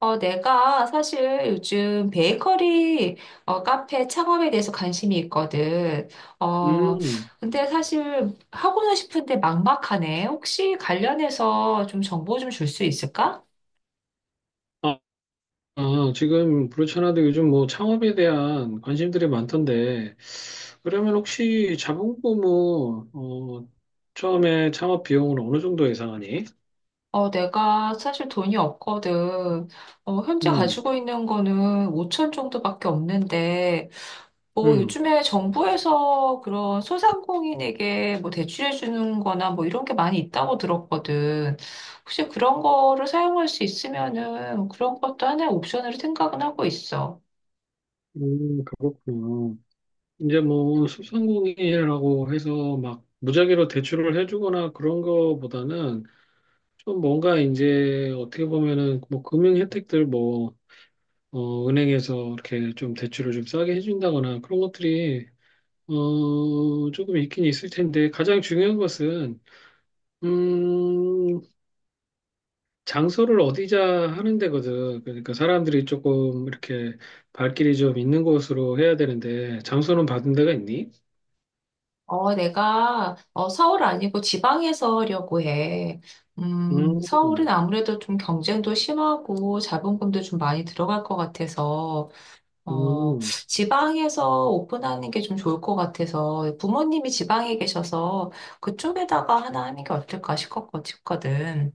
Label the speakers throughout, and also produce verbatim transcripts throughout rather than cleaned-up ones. Speaker 1: 어, 내가 사실 요즘 베이커리 어, 카페 창업에 대해서 관심이 있거든. 어,
Speaker 2: 음,
Speaker 1: 근데 사실 하고는 싶은데 막막하네. 혹시 관련해서 좀 정보 좀 줄 수 있을까?
Speaker 2: 아, 아, 지금 그렇잖아도 요즘 뭐 창업에 대한 관심들이 많던데, 그러면 혹시 자본금은, 어, 처음에 창업 비용을 어느 정도 예상하니?
Speaker 1: 어, 내가 사실 돈이 없거든. 어, 현재
Speaker 2: 음,
Speaker 1: 가지고 있는 거는 오천 정도밖에 없는데, 뭐
Speaker 2: 음,
Speaker 1: 요즘에 정부에서 그런 소상공인에게 뭐 대출해 주는 거나 뭐 이런 게 많이 있다고 들었거든. 혹시 그런 거를 사용할 수 있으면은 그런 것도 하나의 옵션으로 생각은 하고 있어.
Speaker 2: 음, 그렇군요. 이제 뭐 소상공인이라고 해서 막 무작위로 대출을 해주거나 그런 거보다는 좀 뭔가 이제 어떻게 보면은 뭐 금융 혜택들 뭐, 어, 은행에서 이렇게 좀 대출을 좀 싸게 해준다거나 그런 것들이 어, 조금 있긴 있을 텐데, 가장 중요한 것은, 음, 장소를 어디자 하는 데거든. 그러니까 사람들이 조금 이렇게 발길이 좀 있는 곳으로 해야 되는데, 장소는 받은 데가 있니?
Speaker 1: 어, 내가 어, 서울 아니고 지방에서 하려고 해. 음,
Speaker 2: 음,
Speaker 1: 서울은 아무래도 좀 경쟁도 심하고 자본금도 좀 많이 들어갈 것 같아서 어,
Speaker 2: 음.
Speaker 1: 지방에서 오픈하는 게 좀 좋을 것 같아서 부모님이 지방에 계셔서 그쪽에다가 하나 하는 게 어떨까 싶었거- 싶거든.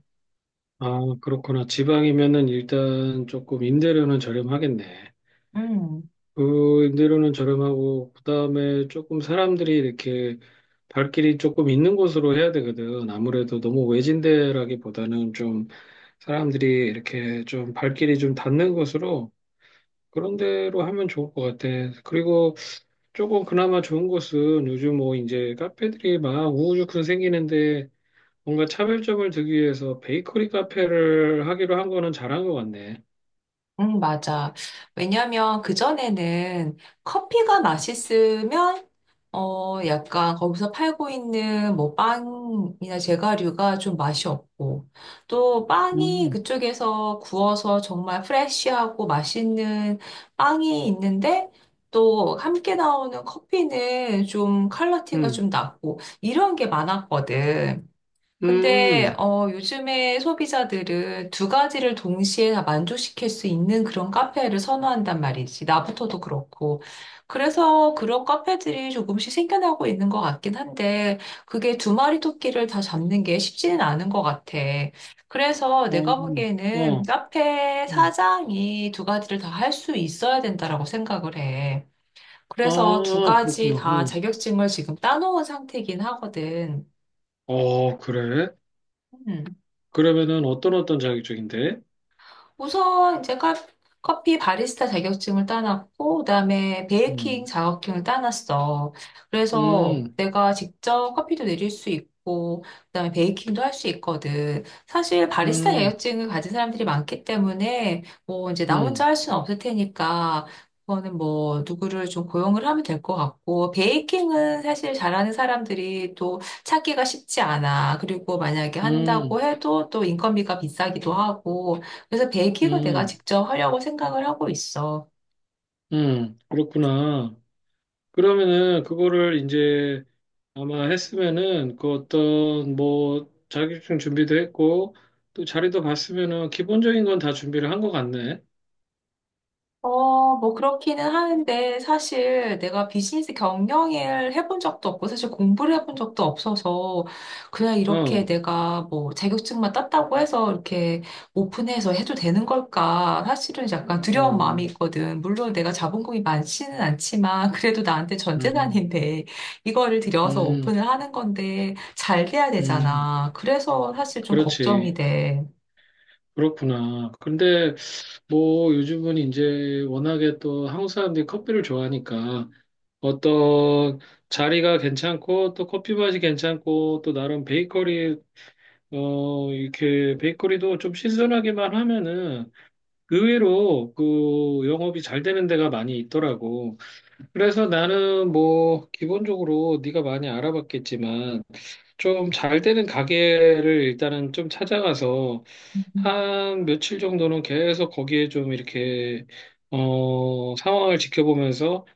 Speaker 2: 아, 그렇구나. 지방이면은 일단 조금 임대료는 저렴하겠네.
Speaker 1: 음,
Speaker 2: 그 임대료는 저렴하고 그다음에 조금 사람들이 이렇게 발길이 조금 있는 곳으로 해야 되거든. 아무래도 너무 외진데라기보다는 좀 사람들이 이렇게 좀 발길이 좀 닿는 곳으로 그런 데로 하면 좋을 것 같아. 그리고 조금 그나마 좋은 곳은 요즘 뭐 이제 카페들이 막 우후죽순 생기는데 뭔가 차별점을 두기 위해서 베이커리 카페를 하기로 한 거는 잘한 것 같네.
Speaker 1: 음, 맞아. 왜냐면 그전에는 커피가 맛있으면 어, 약간 거기서 팔고 있는 뭐 빵이나 제과류가 좀 맛이 없고, 또 빵이
Speaker 2: 음,
Speaker 1: 그쪽에서 구워서 정말 프레쉬하고 맛있는 빵이 있는데, 또 함께 나오는 커피는 좀 컬러티가
Speaker 2: 음,
Speaker 1: 좀 낮고, 이런 게 많았거든.
Speaker 2: 음,
Speaker 1: 근데 어, 요즘에 소비자들은 두 가지를 동시에 다 만족시킬 수 있는 그런 카페를 선호한단 말이지. 나부터도 그렇고. 그래서 그런 카페들이 조금씩 생겨나고 있는 것 같긴 한데, 그게 두 마리 토끼를 다 잡는 게 쉽지는 않은 것 같아. 그래서
Speaker 2: 어,
Speaker 1: 내가 보기에는
Speaker 2: 어,
Speaker 1: 카페
Speaker 2: 음.
Speaker 1: 사장이 두 가지를 다 할 수 있어야 된다라고 생각을 해. 그래서 두
Speaker 2: 아,
Speaker 1: 가지
Speaker 2: 그렇구나.
Speaker 1: 다
Speaker 2: 어,
Speaker 1: 자격증을 지금 따놓은 상태이긴 하거든.
Speaker 2: 어, 그래?
Speaker 1: 음.
Speaker 2: 그러면은 어떤 어떤 자격 쪽인데?
Speaker 1: 우선 제가 커피 바리스타 자격증을 따놨고, 그다음에 베이킹
Speaker 2: 음,
Speaker 1: 자격증을 따놨어. 그래서
Speaker 2: 음,
Speaker 1: 내가 직접 커피도 내릴 수 있고, 그다음에 베이킹도 할 수 있거든. 사실 바리스타
Speaker 2: 음,
Speaker 1: 자격증을 가진 사람들이 많기 때문에 뭐 이제 나 혼자
Speaker 2: 음,
Speaker 1: 할 수는 없을 테니까. 그거는 뭐 누구를 좀 고용을 하면 될 것 같고 베이킹은 사실 잘하는 사람들이 또 찾기가 쉽지 않아. 그리고 만약에 한다고
Speaker 2: 음,
Speaker 1: 해도 또 인건비가 비싸기도 하고 그래서 베이킹은 내가
Speaker 2: 음,
Speaker 1: 직접 하려고 생각을 하고 있어.
Speaker 2: 음, 그렇구나. 그러면은 그거를 이제 아마 했으면은 그 어떤 뭐 자격증 준비도 했고 또 자리도 봤으면은 기본적인 건 다 준비를 한 것 같네.
Speaker 1: 어, 뭐 그렇기는 하는데 사실 내가 비즈니스 경영을 해본 적도 없고 사실 공부를 해본 적도 없어서 그냥 이렇게
Speaker 2: 어,
Speaker 1: 내가 뭐 자격증만 땄다고 해서 이렇게 오픈해서 해도 되는 걸까? 사실은 약간 두려운
Speaker 2: 어,
Speaker 1: 마음이 있거든. 물론 내가 자본금이 많지는 않지만 그래도 나한테 전
Speaker 2: 음,
Speaker 1: 재산인데 이거를 들여서
Speaker 2: 음,
Speaker 1: 오픈을 하는 건데 잘 돼야
Speaker 2: 음,
Speaker 1: 되잖아. 그래서 사실 좀
Speaker 2: 그렇지.
Speaker 1: 걱정이 돼.
Speaker 2: 그렇구나. 근데 뭐 요즘은 이제 워낙에 또 한국 사람들이 커피를 좋아하니까 어떤 자리가 괜찮고 또 커피 맛이 괜찮고 또 나름 베이커리 어 이렇게 베이커리도 좀 신선하기만 하면은 의외로 그 영업이 잘 되는 데가 많이 있더라고. 그래서 나는 뭐 기본적으로 네가 많이 알아봤겠지만 좀 잘 되는 가게를 일단은 좀 찾아가서 한 며칠 정도는 계속 거기에 좀 이렇게 어 상황을 지켜보면서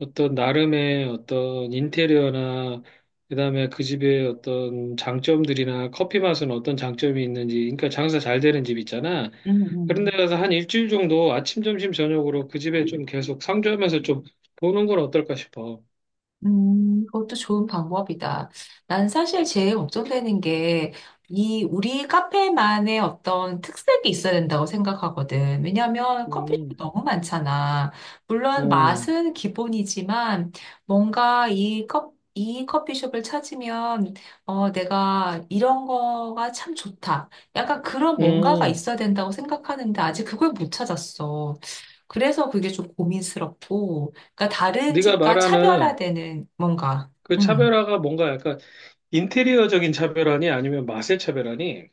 Speaker 2: 어떤 나름의 어떤 인테리어나 그다음에 그 집의 어떤 장점들이나 커피 맛은 어떤 장점이 있는지 그러니까 장사 잘 되는 집 있잖아.
Speaker 1: 음,
Speaker 2: 그런 데
Speaker 1: 음,
Speaker 2: 가서 한 일주일 정도 아침, 점심, 저녁으로 그 집에 좀 계속 상주하면서 좀 보는 건 어떨까 싶어.
Speaker 1: 음, 그것도 좋은 방법이다. 난 사실 제일 걱정되는 게, 이, 우리 카페만의 어떤 특색이 있어야 된다고 생각하거든. 왜냐면 커피숍이
Speaker 2: 음.
Speaker 1: 너무 많잖아. 물론
Speaker 2: 어.
Speaker 1: 맛은 기본이지만, 뭔가 이 컵, 이 커피숍을 찾으면, 어, 내가 이런 거가 참 좋다. 약간 그런 뭔가가
Speaker 2: 음.
Speaker 1: 있어야 된다고 생각하는데, 아직 그걸 못 찾았어. 그래서 그게 좀 고민스럽고, 그러니까 다른
Speaker 2: 네가
Speaker 1: 집과
Speaker 2: 말하는
Speaker 1: 차별화되는 뭔가.
Speaker 2: 그
Speaker 1: 음.
Speaker 2: 차별화가 뭔가 약간 인테리어적인 차별화니 아니면 맛의 차별화니?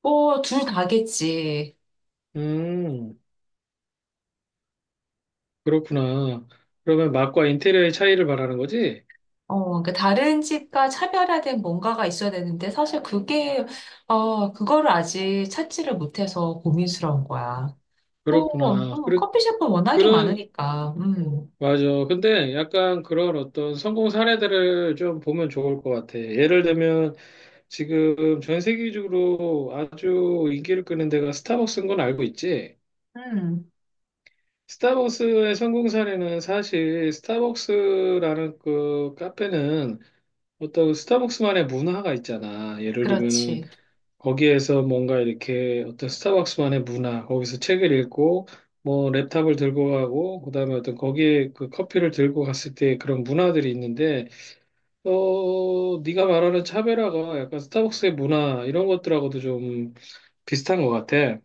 Speaker 1: 뭐, 둘 다겠지.
Speaker 2: 음, 그렇구나. 그러면 맛과 인테리어의 차이를 말하는 거지?
Speaker 1: 어, 그러니까 다른 집과 차별화된 뭔가가 있어야 되는데 사실 그게 어, 그거를 아직 찾지를 못해서 고민스러운 거야. 뭐, 음,
Speaker 2: 그렇구나. 그,
Speaker 1: 커피숍은 워낙에
Speaker 2: 그런,
Speaker 1: 많으니까. 음.
Speaker 2: 맞아. 근데 약간 그런 어떤 성공 사례들을 좀 보면 좋을 것 같아. 예를 들면 지금 전 세계적으로 아주 인기를 끄는 데가 스타벅스인 건 알고 있지?
Speaker 1: 음.
Speaker 2: 스타벅스의 성공 사례는 사실 스타벅스라는 그 카페는 어떤 스타벅스만의 문화가 있잖아. 예를 들면은
Speaker 1: 그렇지.
Speaker 2: 거기에서 뭔가 이렇게 어떤 스타벅스만의 문화, 거기서 책을 읽고 뭐 랩탑을 들고 가고 그다음에 어떤 거기에 그 커피를 들고 갔을 때 그런 문화들이 있는데 어 네가 말하는 차별화가 약간 스타벅스의 문화 이런 것들하고도 좀 비슷한 것 같아.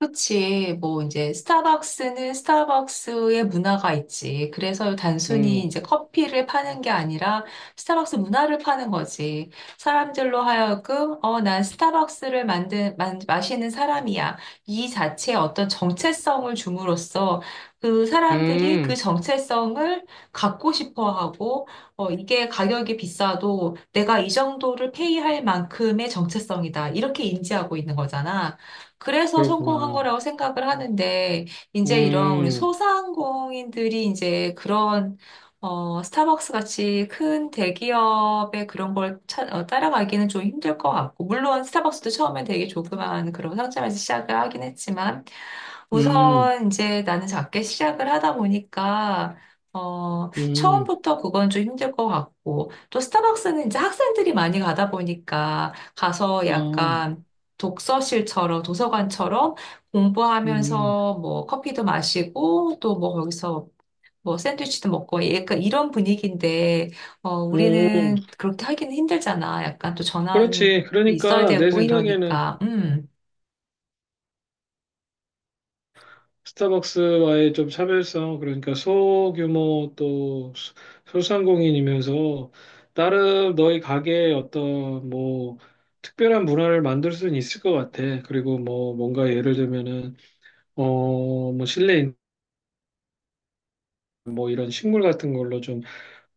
Speaker 1: 그렇지. 뭐 이제 스타벅스는 스타벅스의 문화가 있지. 그래서 단순히
Speaker 2: 음,
Speaker 1: 이제 커피를 파는 게 아니라 스타벅스 문화를 파는 거지. 사람들로 하여금 어, 난 스타벅스를 만든 만, 마시는 사람이야. 이 자체의 어떤 정체성을 줌으로써 그 사람들이 그
Speaker 2: 음,
Speaker 1: 정체성을 갖고 싶어 하고 어, 이게 가격이 비싸도 내가 이 정도를 페이할 만큼의 정체성이다. 이렇게 인지하고 있는 거잖아. 그래서 성공한
Speaker 2: 그렇구나.
Speaker 1: 거라고 생각을 하는데, 이제 이런 우리
Speaker 2: 음,
Speaker 1: 소상공인들이 이제 그런, 어, 스타벅스 같이 큰 대기업의 그런 걸 차- 어, 따라가기는 좀 힘들 것 같고, 물론 스타벅스도 처음엔 되게 조그만 그런 상점에서 시작을 하긴 했지만,
Speaker 2: 음,
Speaker 1: 우선 이제 나는 작게 시작을 하다 보니까, 어,
Speaker 2: 음,
Speaker 1: 처음부터 그건 좀 힘들 것 같고, 또 스타벅스는 이제 학생들이 많이 가다 보니까 가서
Speaker 2: 어,
Speaker 1: 약간 독서실처럼, 도서관처럼
Speaker 2: 음,
Speaker 1: 공부하면서 뭐 커피도 마시고 또 뭐 거기서 뭐 샌드위치도 먹고 약간 이런 분위기인데, 어,
Speaker 2: 음.
Speaker 1: 우리는 그렇게 하기는 힘들잖아. 약간 또 전환이
Speaker 2: 그렇지.
Speaker 1: 있어야
Speaker 2: 그러니까 내
Speaker 1: 되고
Speaker 2: 생각에는
Speaker 1: 이러니까. 음.
Speaker 2: 스타벅스와의 좀 차별성, 그러니까 소규모 또 소- 소상공인이면서 나름 너희 가게에 어떤 뭐 특별한 문화를 만들 수는 있을 것 같아. 그리고 뭐 뭔가 예를 들면은 어 뭐 실내 인뭐 이런 식물 같은 걸로 좀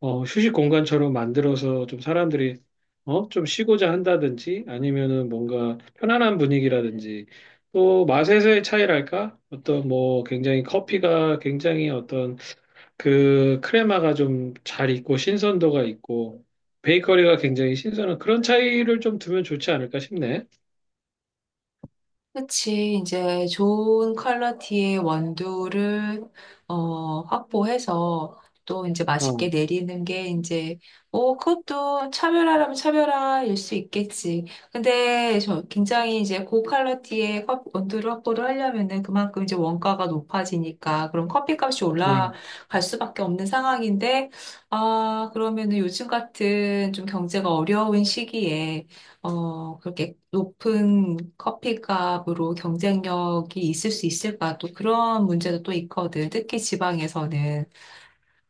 Speaker 2: 어, 휴식 공간처럼 만들어서 좀 사람들이 어, 좀 쉬고자 한다든지 아니면은 뭔가 편안한 분위기라든지 또 맛에서의 차이랄까? 어떤 뭐 굉장히 커피가 굉장히 어떤 그 크레마가 좀 잘 있고 신선도가 있고 베이커리가 굉장히 신선한 그런 차이를 좀 두면 좋지 않을까 싶네.
Speaker 1: 그치. 이제 좋은 퀄러티의 원두를 어, 확보해서 또 이제
Speaker 2: 어,
Speaker 1: 맛있게
Speaker 2: 어,
Speaker 1: 내리는 게 이제 어, 그것도 차별화라면 차별화일 수 있겠지. 근데 저 굉장히 이제 고퀄러티의 컵- 원두를 확보를 하려면은 그만큼 이제 원가가 높아지니까 그럼 커피값이 올라갈 수밖에 없는 상황인데 아, 그러면은 요즘 같은 좀 경제가 어려운 시기에 어, 그렇게 높은 커피값으로 경쟁력이 있을 수 있을까? 또 그런 문제도 또 있거든. 특히 지방에서는.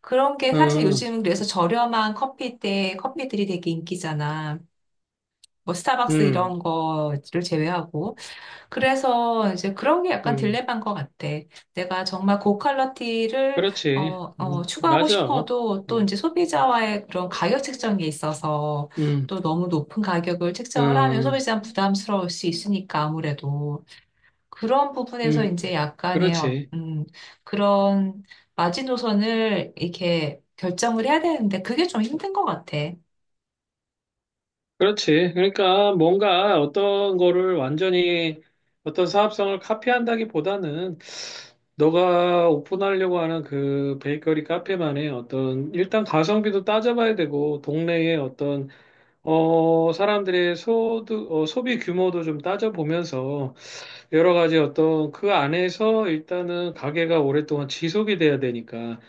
Speaker 1: 그런 게 사실
Speaker 2: 어,
Speaker 1: 요즘 그래서 저렴한 커피대 커피들이 되게 인기잖아. 뭐 스타벅스
Speaker 2: 음,
Speaker 1: 이런 거를 제외하고. 그래서 이제 그런 게 약간
Speaker 2: 음,
Speaker 1: 딜레마인 것 같아. 내가 정말 고퀄리티를 어,
Speaker 2: 그렇지.
Speaker 1: 어,
Speaker 2: 음,
Speaker 1: 추구하고
Speaker 2: 맞아. 어,
Speaker 1: 싶어도 또 이제 소비자와의 그런 가격 책정이 있어서
Speaker 2: 음,
Speaker 1: 또 너무 높은 가격을 책정을 하면
Speaker 2: 응
Speaker 1: 소비자는 부담스러울 수 있으니까 아무래도 그런 부분에서
Speaker 2: 음,
Speaker 1: 이제 약간의 어-
Speaker 2: 그렇지.
Speaker 1: 음, 그런 마지노선을 이렇게 결정을 해야 되는데 그게 좀 힘든 것 같아.
Speaker 2: 그렇지. 그러니까 뭔가 어떤 거를 완전히 어떤 사업성을 카피한다기보다는 너가 오픈하려고 하는 그 베이커리 카페만의 어떤 일단 가성비도 따져봐야 되고 동네의 어떤 어 사람들의 소득 어, 소비 규모도 좀 따져보면서 여러 가지 어떤 그 안에서 일단은 가게가 오랫동안 지속이 돼야 되니까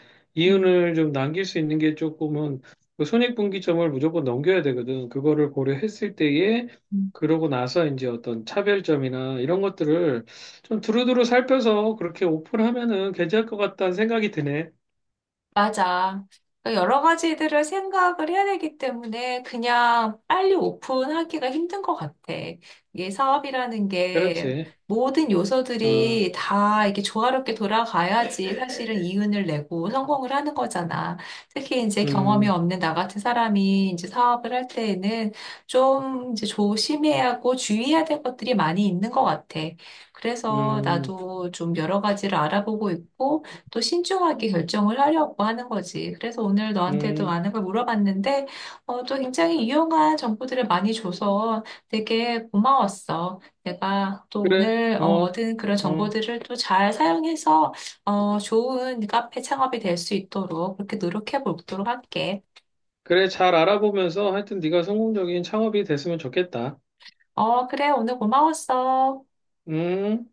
Speaker 1: 음.
Speaker 2: 이윤을 좀 남길 수 있는 게 조금은 그 손익분기점을 무조건 넘겨야 되거든. 그거를 고려했을 때에
Speaker 1: 음.
Speaker 2: 그러고 나서 이제 어떤 차별점이나 이런 것들을 좀 두루두루 살펴서 그렇게 오픈하면은 괜찮을 것 같다는 생각이 드네.
Speaker 1: 맞아. 그러니까 여러 가지들을 생각을 해야 되기 때문에 그냥 빨리 오픈하기가 힘든 것 같아. 이게 사업이라는 게
Speaker 2: 그렇지.
Speaker 1: 모든
Speaker 2: 어,
Speaker 1: 요소들이 다 이렇게 조화롭게 돌아가야지 사실은 이윤을 내고 성공을 하는 거잖아. 특히 이제 경험이
Speaker 2: 음,
Speaker 1: 없는 나 같은 사람이 이제 사업을 할 때에는 좀 이제 조심해야 하고 주의해야 될 것들이 많이 있는 것 같아. 그래서
Speaker 2: 음,
Speaker 1: 나도 좀 여러 가지를 알아보고 있고 또 신중하게 결정을 하려고 하는 거지. 그래서 오늘 너한테도
Speaker 2: 음,
Speaker 1: 많은 걸 물어봤는데, 어, 또 굉장히 유용한 정보들을 많이 줘서 되게 고마웠어. 내가 또
Speaker 2: 그래.
Speaker 1: 오늘 어,
Speaker 2: 어,
Speaker 1: 얻은 그런
Speaker 2: 어,
Speaker 1: 정보들을 또 잘 사용해서 어, 좋은 카페 창업이 될 수 있도록 그렇게 노력해 보도록 할게.
Speaker 2: 그래. 잘 알아보면서 하여튼 네가 성공적인 창업이 됐으면 좋겠다.
Speaker 1: 어, 그래, 오늘 고마웠어.
Speaker 2: 음.